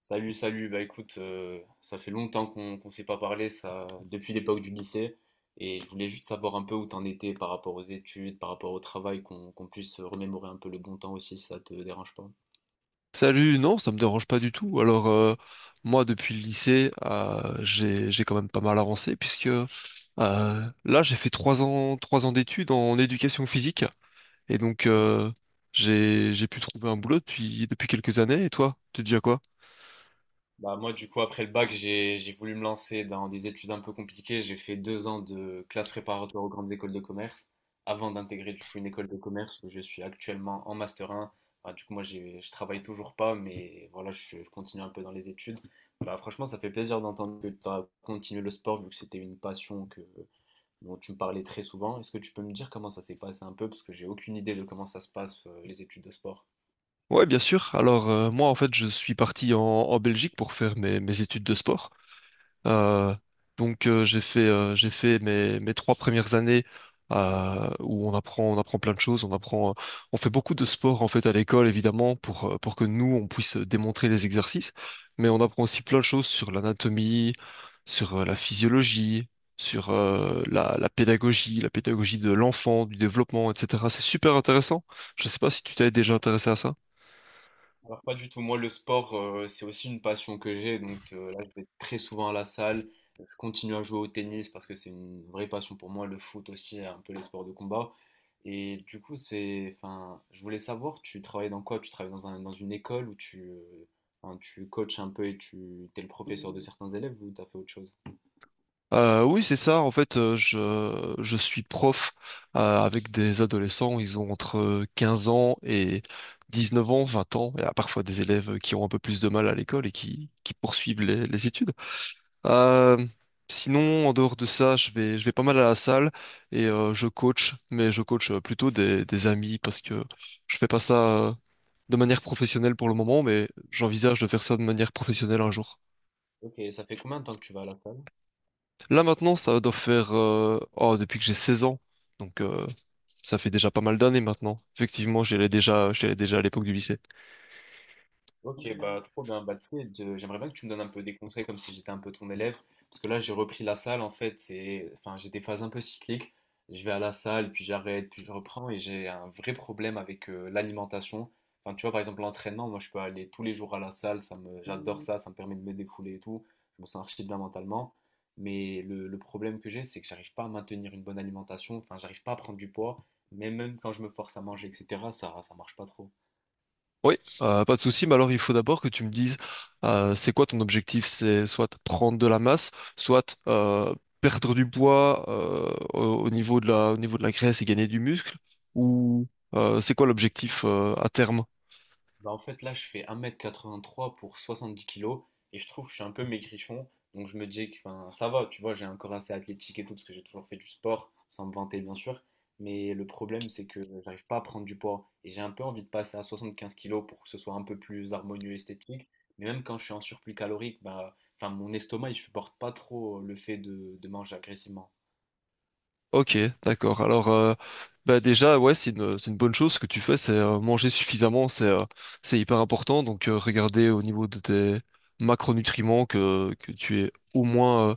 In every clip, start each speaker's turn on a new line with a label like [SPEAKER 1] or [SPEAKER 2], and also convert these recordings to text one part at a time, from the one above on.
[SPEAKER 1] Salut, salut. Bah écoute, ça fait longtemps qu'on s'est pas parlé, ça, depuis l'époque du lycée. Et je voulais juste savoir un peu où t'en étais par rapport aux études, par rapport au travail, qu'on puisse remémorer un peu le bon temps aussi, si ça te dérange pas.
[SPEAKER 2] Salut, non, ça me dérange pas du tout. Alors, moi, depuis le lycée, j'ai quand même pas mal avancé puisque là, j'ai fait 3 ans d'études en éducation physique et donc j'ai pu trouver un boulot depuis quelques années. Et toi, tu dis à quoi?
[SPEAKER 1] Bah moi, du coup, après le bac, j'ai voulu me lancer dans des études un peu compliquées. J'ai fait 2 ans de classe préparatoire aux grandes écoles de commerce avant d'intégrer, du coup, une école de commerce où je suis actuellement en master 1. Bah, du coup, moi j'ai je travaille toujours pas, mais voilà, je continue un peu dans les études. Bah, franchement, ça fait plaisir d'entendre que tu as continué le sport, vu que c'était une passion que dont tu me parlais très souvent. Est-ce que tu peux me dire comment ça s'est passé un peu, parce que j'ai aucune idée de comment ça se passe, les études de sport.
[SPEAKER 2] Ouais, bien sûr. Alors, moi, en fait, je suis parti en Belgique pour faire mes études de sport. Euh, donc j'ai fait mes trois premières années où on apprend plein de choses, on fait beaucoup de sport en fait à l'école évidemment pour que nous on puisse démontrer les exercices, mais on apprend aussi plein de choses sur l'anatomie, sur la physiologie, sur la pédagogie de l'enfant, du développement, etc. C'est super intéressant. Je sais pas si tu t'es déjà intéressé à ça.
[SPEAKER 1] Alors, pas du tout. Moi, le sport, c'est aussi une passion que j'ai. Donc, là, je vais très souvent à la salle. Je continue à jouer au tennis parce que c'est une vraie passion pour moi. Le foot aussi, et un peu les sports de combat. Et du coup, c'est, enfin, je voulais savoir, tu travailles dans quoi? Tu travailles dans dans une école où tu, enfin, tu coaches un peu et t'es le professeur de certains élèves, ou t'as fait autre chose?
[SPEAKER 2] Oui, c'est ça. En fait, je suis prof avec des adolescents. Ils ont entre 15 ans et 19 ans, 20 ans. Il y a parfois des élèves qui ont un peu plus de mal à l'école et qui poursuivent les études. Euh, Sinon, en dehors de ça, je vais pas mal à la salle et je coach, mais je coach plutôt des amis parce que je fais pas ça euh, de manière professionnelle pour le moment, mais j'envisage de faire ça de manière professionnelle un jour.
[SPEAKER 1] Ok, ça fait combien de temps que tu vas à la salle?
[SPEAKER 2] Là maintenant, ça doit faire depuis que j'ai 16 ans. Donc euh, Ça fait déjà pas mal d'années maintenant. Effectivement, j'y allais déjà à l'époque du lycée.
[SPEAKER 1] Ok, bah trop bien. Bah, tu sais, j'aimerais bien que tu me donnes un peu des conseils, comme si j'étais un peu ton élève. Parce que là, j'ai repris la salle, en fait. Enfin, j'ai des phases un peu cycliques. Je vais à la salle, puis j'arrête, puis je reprends. Et j'ai un vrai problème avec l'alimentation. Enfin, tu vois, par exemple, l'entraînement, moi je peux aller tous les jours à la salle. J'adore ça. Ça me permet de me défouler et tout. Je me sens archi bien mentalement. Mais le problème que j'ai, c'est que j'arrive pas à maintenir une bonne alimentation. Enfin, j'arrive pas à prendre du poids. Mais même quand je me force à manger, etc., ça marche pas trop.
[SPEAKER 2] Oui, pas de souci, mais alors il faut d'abord que tu me dises c'est quoi ton objectif? C'est soit prendre de la masse, soit perdre du poids au au niveau de au niveau de la graisse et gagner du muscle, ou c'est quoi l'objectif à terme?
[SPEAKER 1] Bah, en fait, là je fais 1,83 m pour 70 kilos et je trouve que je suis un peu maigrichon. Donc je me dis que, enfin, ça va, tu vois, j'ai un corps assez athlétique et tout, parce que j'ai toujours fait du sport, sans me vanter bien sûr. Mais le problème, c'est que j'arrive pas à prendre du poids et j'ai un peu envie de passer à 75 kilos pour que ce soit un peu plus harmonieux, esthétique. Mais même quand je suis en surplus calorique, bah enfin, mon estomac, il supporte pas trop le fait de manger agressivement.
[SPEAKER 2] Ok, d'accord. Alors, bah déjà, ouais, c'est une bonne chose. Ce que tu fais, c'est manger suffisamment, c'est hyper important. Donc, regardez au niveau de tes macronutriments que tu es au moins, euh,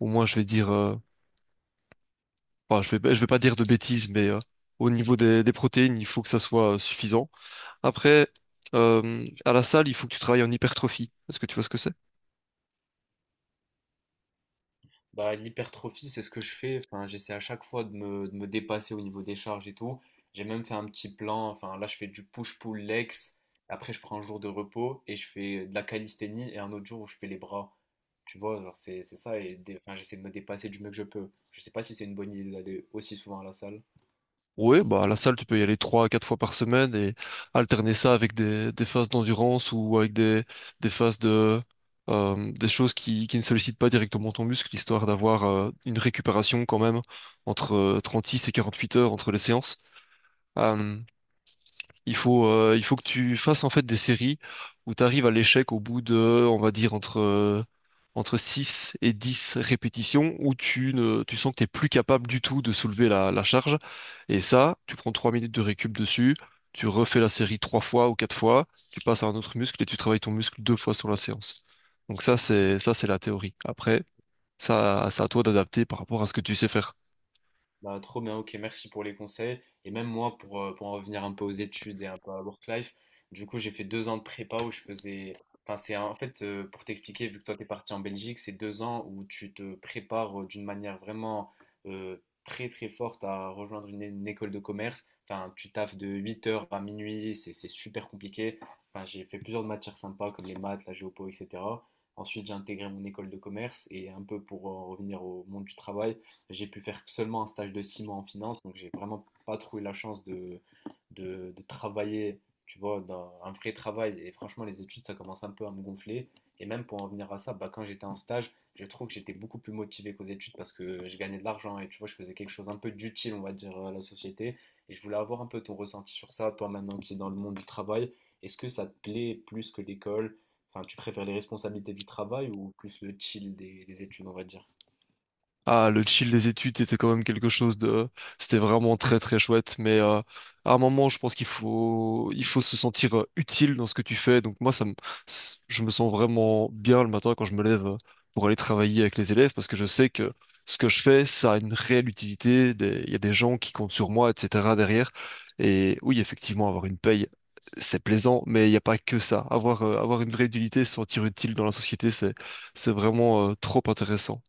[SPEAKER 2] au moins, je vais dire, je vais pas dire de bêtises, mais au niveau des protéines, il faut que ça soit suffisant. Après, à la salle, il faut que tu travailles en hypertrophie. Est-ce que tu vois ce que c'est?
[SPEAKER 1] Bah, l'hypertrophie, c'est ce que je fais. Enfin, j'essaie à chaque fois de me dépasser au niveau des charges et tout. J'ai même fait un petit plan. Enfin, là, je fais du push-pull legs. Après, je prends un jour de repos et je fais de la calisthénie, et un autre jour où je fais les bras. Tu vois, genre, c'est ça. Et enfin, j'essaie de me dépasser du mieux que je peux. Je sais pas si c'est une bonne idée d'aller aussi souvent à la salle.
[SPEAKER 2] Ouais, bah à la salle, tu peux y aller 3 à 4 fois par semaine et alterner ça avec des phases d'endurance ou avec des phases de des choses qui ne sollicitent pas directement ton muscle, histoire d'avoir une récupération quand même entre 36 et 48 heures entre les séances. Euh, il faut que tu fasses en fait des séries où tu arrives à l'échec au bout de, on va dire, entre 6 et 10 répétitions où tu ne, tu sens que t'es plus capable du tout de soulever la charge. Et ça, tu prends 3 minutes de récup dessus, tu refais la série 3 fois ou 4 fois, tu passes à un autre muscle et tu travailles ton muscle 2 fois sur la séance. Donc ça, c'est la théorie. Après, ça, c'est à toi d'adapter par rapport à ce que tu sais faire.
[SPEAKER 1] Bah, trop bien, ok, merci pour les conseils. Et même moi, pour en revenir un peu aux études et un peu à work life, du coup, j'ai fait 2 ans de prépa où je faisais. Enfin, c'est en fait, pour t'expliquer, vu que toi, t'es parti en Belgique, c'est 2 ans où tu te prépares, d'une manière vraiment, euh, très, très forte, à rejoindre une école de commerce. Enfin, tu taffes de 8 heures à minuit, c'est super compliqué. Enfin, j'ai fait plusieurs matières sympas comme les maths, la géopo, etc. Ensuite, j'ai intégré mon école de commerce, et un peu pour en revenir au monde du travail. J'ai pu faire seulement un stage de 6 mois en finance, donc j'ai vraiment pas trouvé la chance de travailler, tu vois, dans un vrai travail. Et franchement, les études, ça commence un peu à me gonfler. Et même pour en venir à ça, bah, quand j'étais en stage, je trouve que j'étais beaucoup plus motivé qu'aux études, parce que je gagnais de l'argent et, tu vois, je faisais quelque chose un peu d'utile, on va dire, à la société. Et je voulais avoir un peu ton ressenti sur ça, toi maintenant qui es dans le monde du travail. Est-ce que ça te plaît plus que l'école? Enfin, tu préfères les responsabilités du travail, ou plus le chill des études, on va dire?
[SPEAKER 2] Ah, le chill des études était quand même quelque chose de… C'était vraiment très très chouette, mais à un moment, je pense qu'il faut se sentir utile dans ce que tu fais. Donc moi, ça me… je me sens vraiment bien le matin quand je me lève pour aller travailler avec les élèves, parce que je sais que ce que je fais, ça a une réelle utilité. Il y a des gens qui comptent sur moi, etc. derrière. Et oui, effectivement, avoir une paye, c'est plaisant, mais il n'y a pas que ça. Avoir, avoir une vraie utilité, se sentir utile dans la société, c'est vraiment trop intéressant.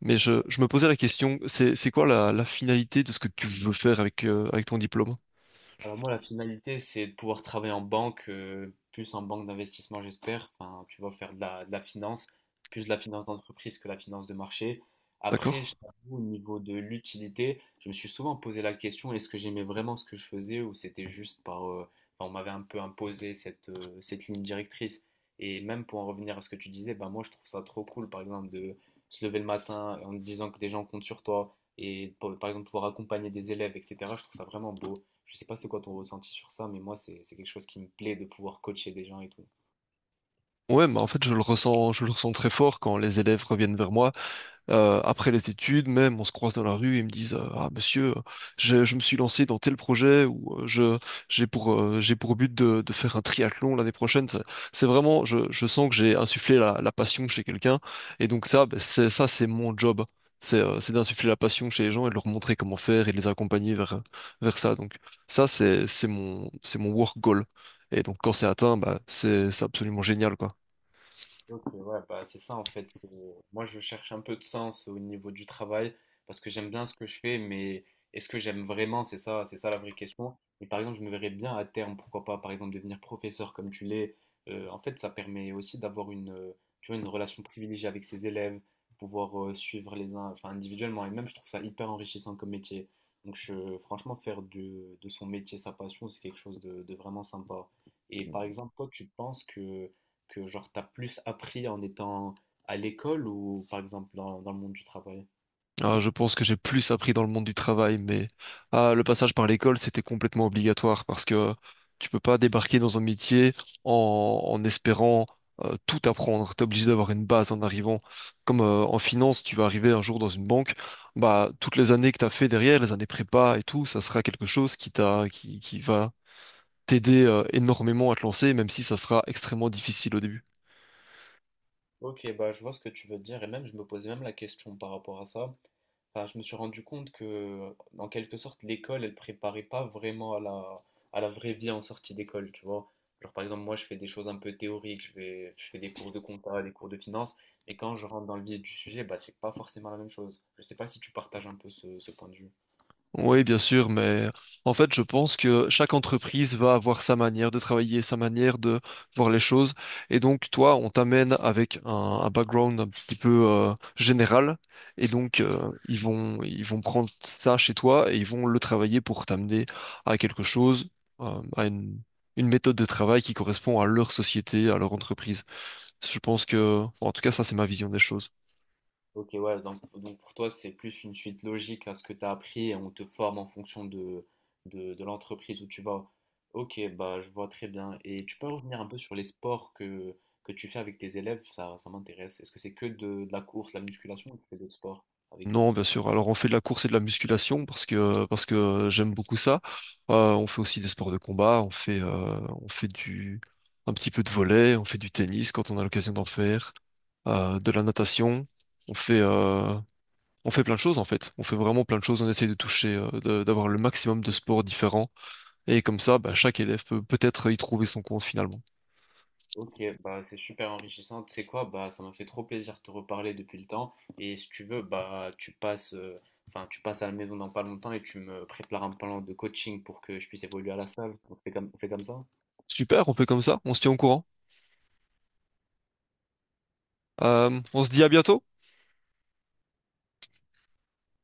[SPEAKER 2] Mais je me posais la question, c'est quoi la finalité de ce que tu veux faire avec, avec ton diplôme?
[SPEAKER 1] Alors moi, la finalité, c'est de pouvoir travailler en banque, plus en banque d'investissement, j'espère. Enfin, tu vas faire de de la finance, plus de la finance d'entreprise que la finance de marché. Après, je
[SPEAKER 2] D'accord?
[SPEAKER 1] t'avoue, au niveau de l'utilité, je me suis souvent posé la question, est-ce que j'aimais vraiment ce que je faisais, ou c'était juste enfin, on m'avait un peu imposé cette ligne directrice. Et même pour en revenir à ce que tu disais, bah moi, je trouve ça trop cool, par exemple, de se lever le matin en te disant que des gens comptent sur toi et, par exemple, pouvoir accompagner des élèves, etc. Je trouve ça vraiment beau. Je sais pas c'est quoi ton ressenti sur ça, mais moi, c'est quelque chose qui me plaît, de pouvoir coacher des gens et tout.
[SPEAKER 2] Ouais, mais en fait, je le ressens très fort quand les élèves reviennent vers moi. Après les études, même, on se croise dans la rue et ils me disent ah monsieur, je me suis lancé dans tel projet ou je j'ai pour but de faire un triathlon l'année prochaine. C'est vraiment, je sens que j'ai insufflé la passion chez quelqu'un et donc ça, ben, c'est mon job. C'est d'insuffler la passion chez les gens et de leur montrer comment faire et de les accompagner vers ça. Donc ça, c'est mon work goal. Et donc quand c'est atteint, bah c'est absolument génial quoi.
[SPEAKER 1] Ok, ouais, bah c'est ça en fait. Moi, je cherche un peu de sens au niveau du travail, parce que j'aime bien ce que je fais, mais est-ce que j'aime vraiment? C'est ça la vraie question. Et par exemple, je me verrais bien à terme, pourquoi pas, par exemple, devenir professeur comme tu l'es. En fait, ça permet aussi d'avoir tu vois, une relation privilégiée avec ses élèves, pouvoir, suivre les uns, enfin individuellement. Et même, je trouve ça hyper enrichissant comme métier. Donc, franchement, faire de son métier sa passion, c'est quelque chose de vraiment sympa. Et par exemple, toi, tu penses que genre t'as plus appris en étant à l'école, ou par exemple dans le monde du travail?
[SPEAKER 2] Ah, je pense que j'ai plus appris dans le monde du travail, mais ah, le passage par l'école, c'était complètement obligatoire parce que tu peux pas débarquer dans un métier en, en espérant tout apprendre. T'es obligé d'avoir une base en arrivant. Comme en finance, tu vas arriver un jour dans une banque, bah toutes les années que t'as fait derrière, les années prépa et tout, ça sera quelque chose qui qui va t'aider énormément à te lancer, même si ça sera extrêmement difficile au début.
[SPEAKER 1] Ok, bah je vois ce que tu veux dire, et même je me posais même la question par rapport à ça. Enfin, je me suis rendu compte que, en quelque sorte, l'école, elle préparait pas vraiment à à la vraie vie en sortie d'école, tu vois. Genre, par exemple, moi je fais des choses un peu théoriques, je fais des cours de compta, des cours de finance, mais quand je rentre dans le vif du sujet, bah c'est pas forcément la même chose. Je sais pas si tu partages un peu ce point de vue.
[SPEAKER 2] Oui, bien sûr, mais en fait, je pense que chaque entreprise va avoir sa manière de travailler, sa manière de voir les choses. Et donc, toi, on t'amène avec un background un petit peu général. Et donc, ils vont prendre ça chez toi et ils vont le travailler pour t'amener à quelque chose, à une méthode de travail qui correspond à leur société, à leur entreprise. Je pense que, bon, en tout cas, ça, c'est ma vision des choses.
[SPEAKER 1] Ok, ouais, donc, pour toi, c'est plus une suite logique à ce que tu as appris, et on te forme en fonction de l'entreprise où tu vas. Ok, bah je vois très bien. Et tu peux revenir un peu sur les sports que tu fais avec tes élèves, ça m'intéresse. Est-ce que c'est que de la course, la musculation, ou tu fais d'autres sports avec eux?
[SPEAKER 2] Non, bien sûr. Alors on fait de la course et de la musculation parce que j'aime beaucoup ça. On fait aussi des sports de combat. On fait du un petit peu de volley. On fait du tennis quand on a l'occasion d'en faire. De la natation. On fait euh, on fait plein de choses en fait. On fait vraiment plein de choses. On essaye de d'avoir le maximum de sports différents et comme ça, bah, chaque élève peut peut-être y trouver son compte finalement.
[SPEAKER 1] Ok, bah c'est super enrichissant. Tu sais quoi, bah ça m'a fait trop plaisir de te reparler depuis le temps. Et si tu veux, bah tu passes, enfin, tu passes à la maison dans pas longtemps et tu me prépares un plan de coaching pour que je puisse évoluer à la salle. On fait comme ça?
[SPEAKER 2] Super, on fait comme ça, on se tient au courant. On se dit à bientôt.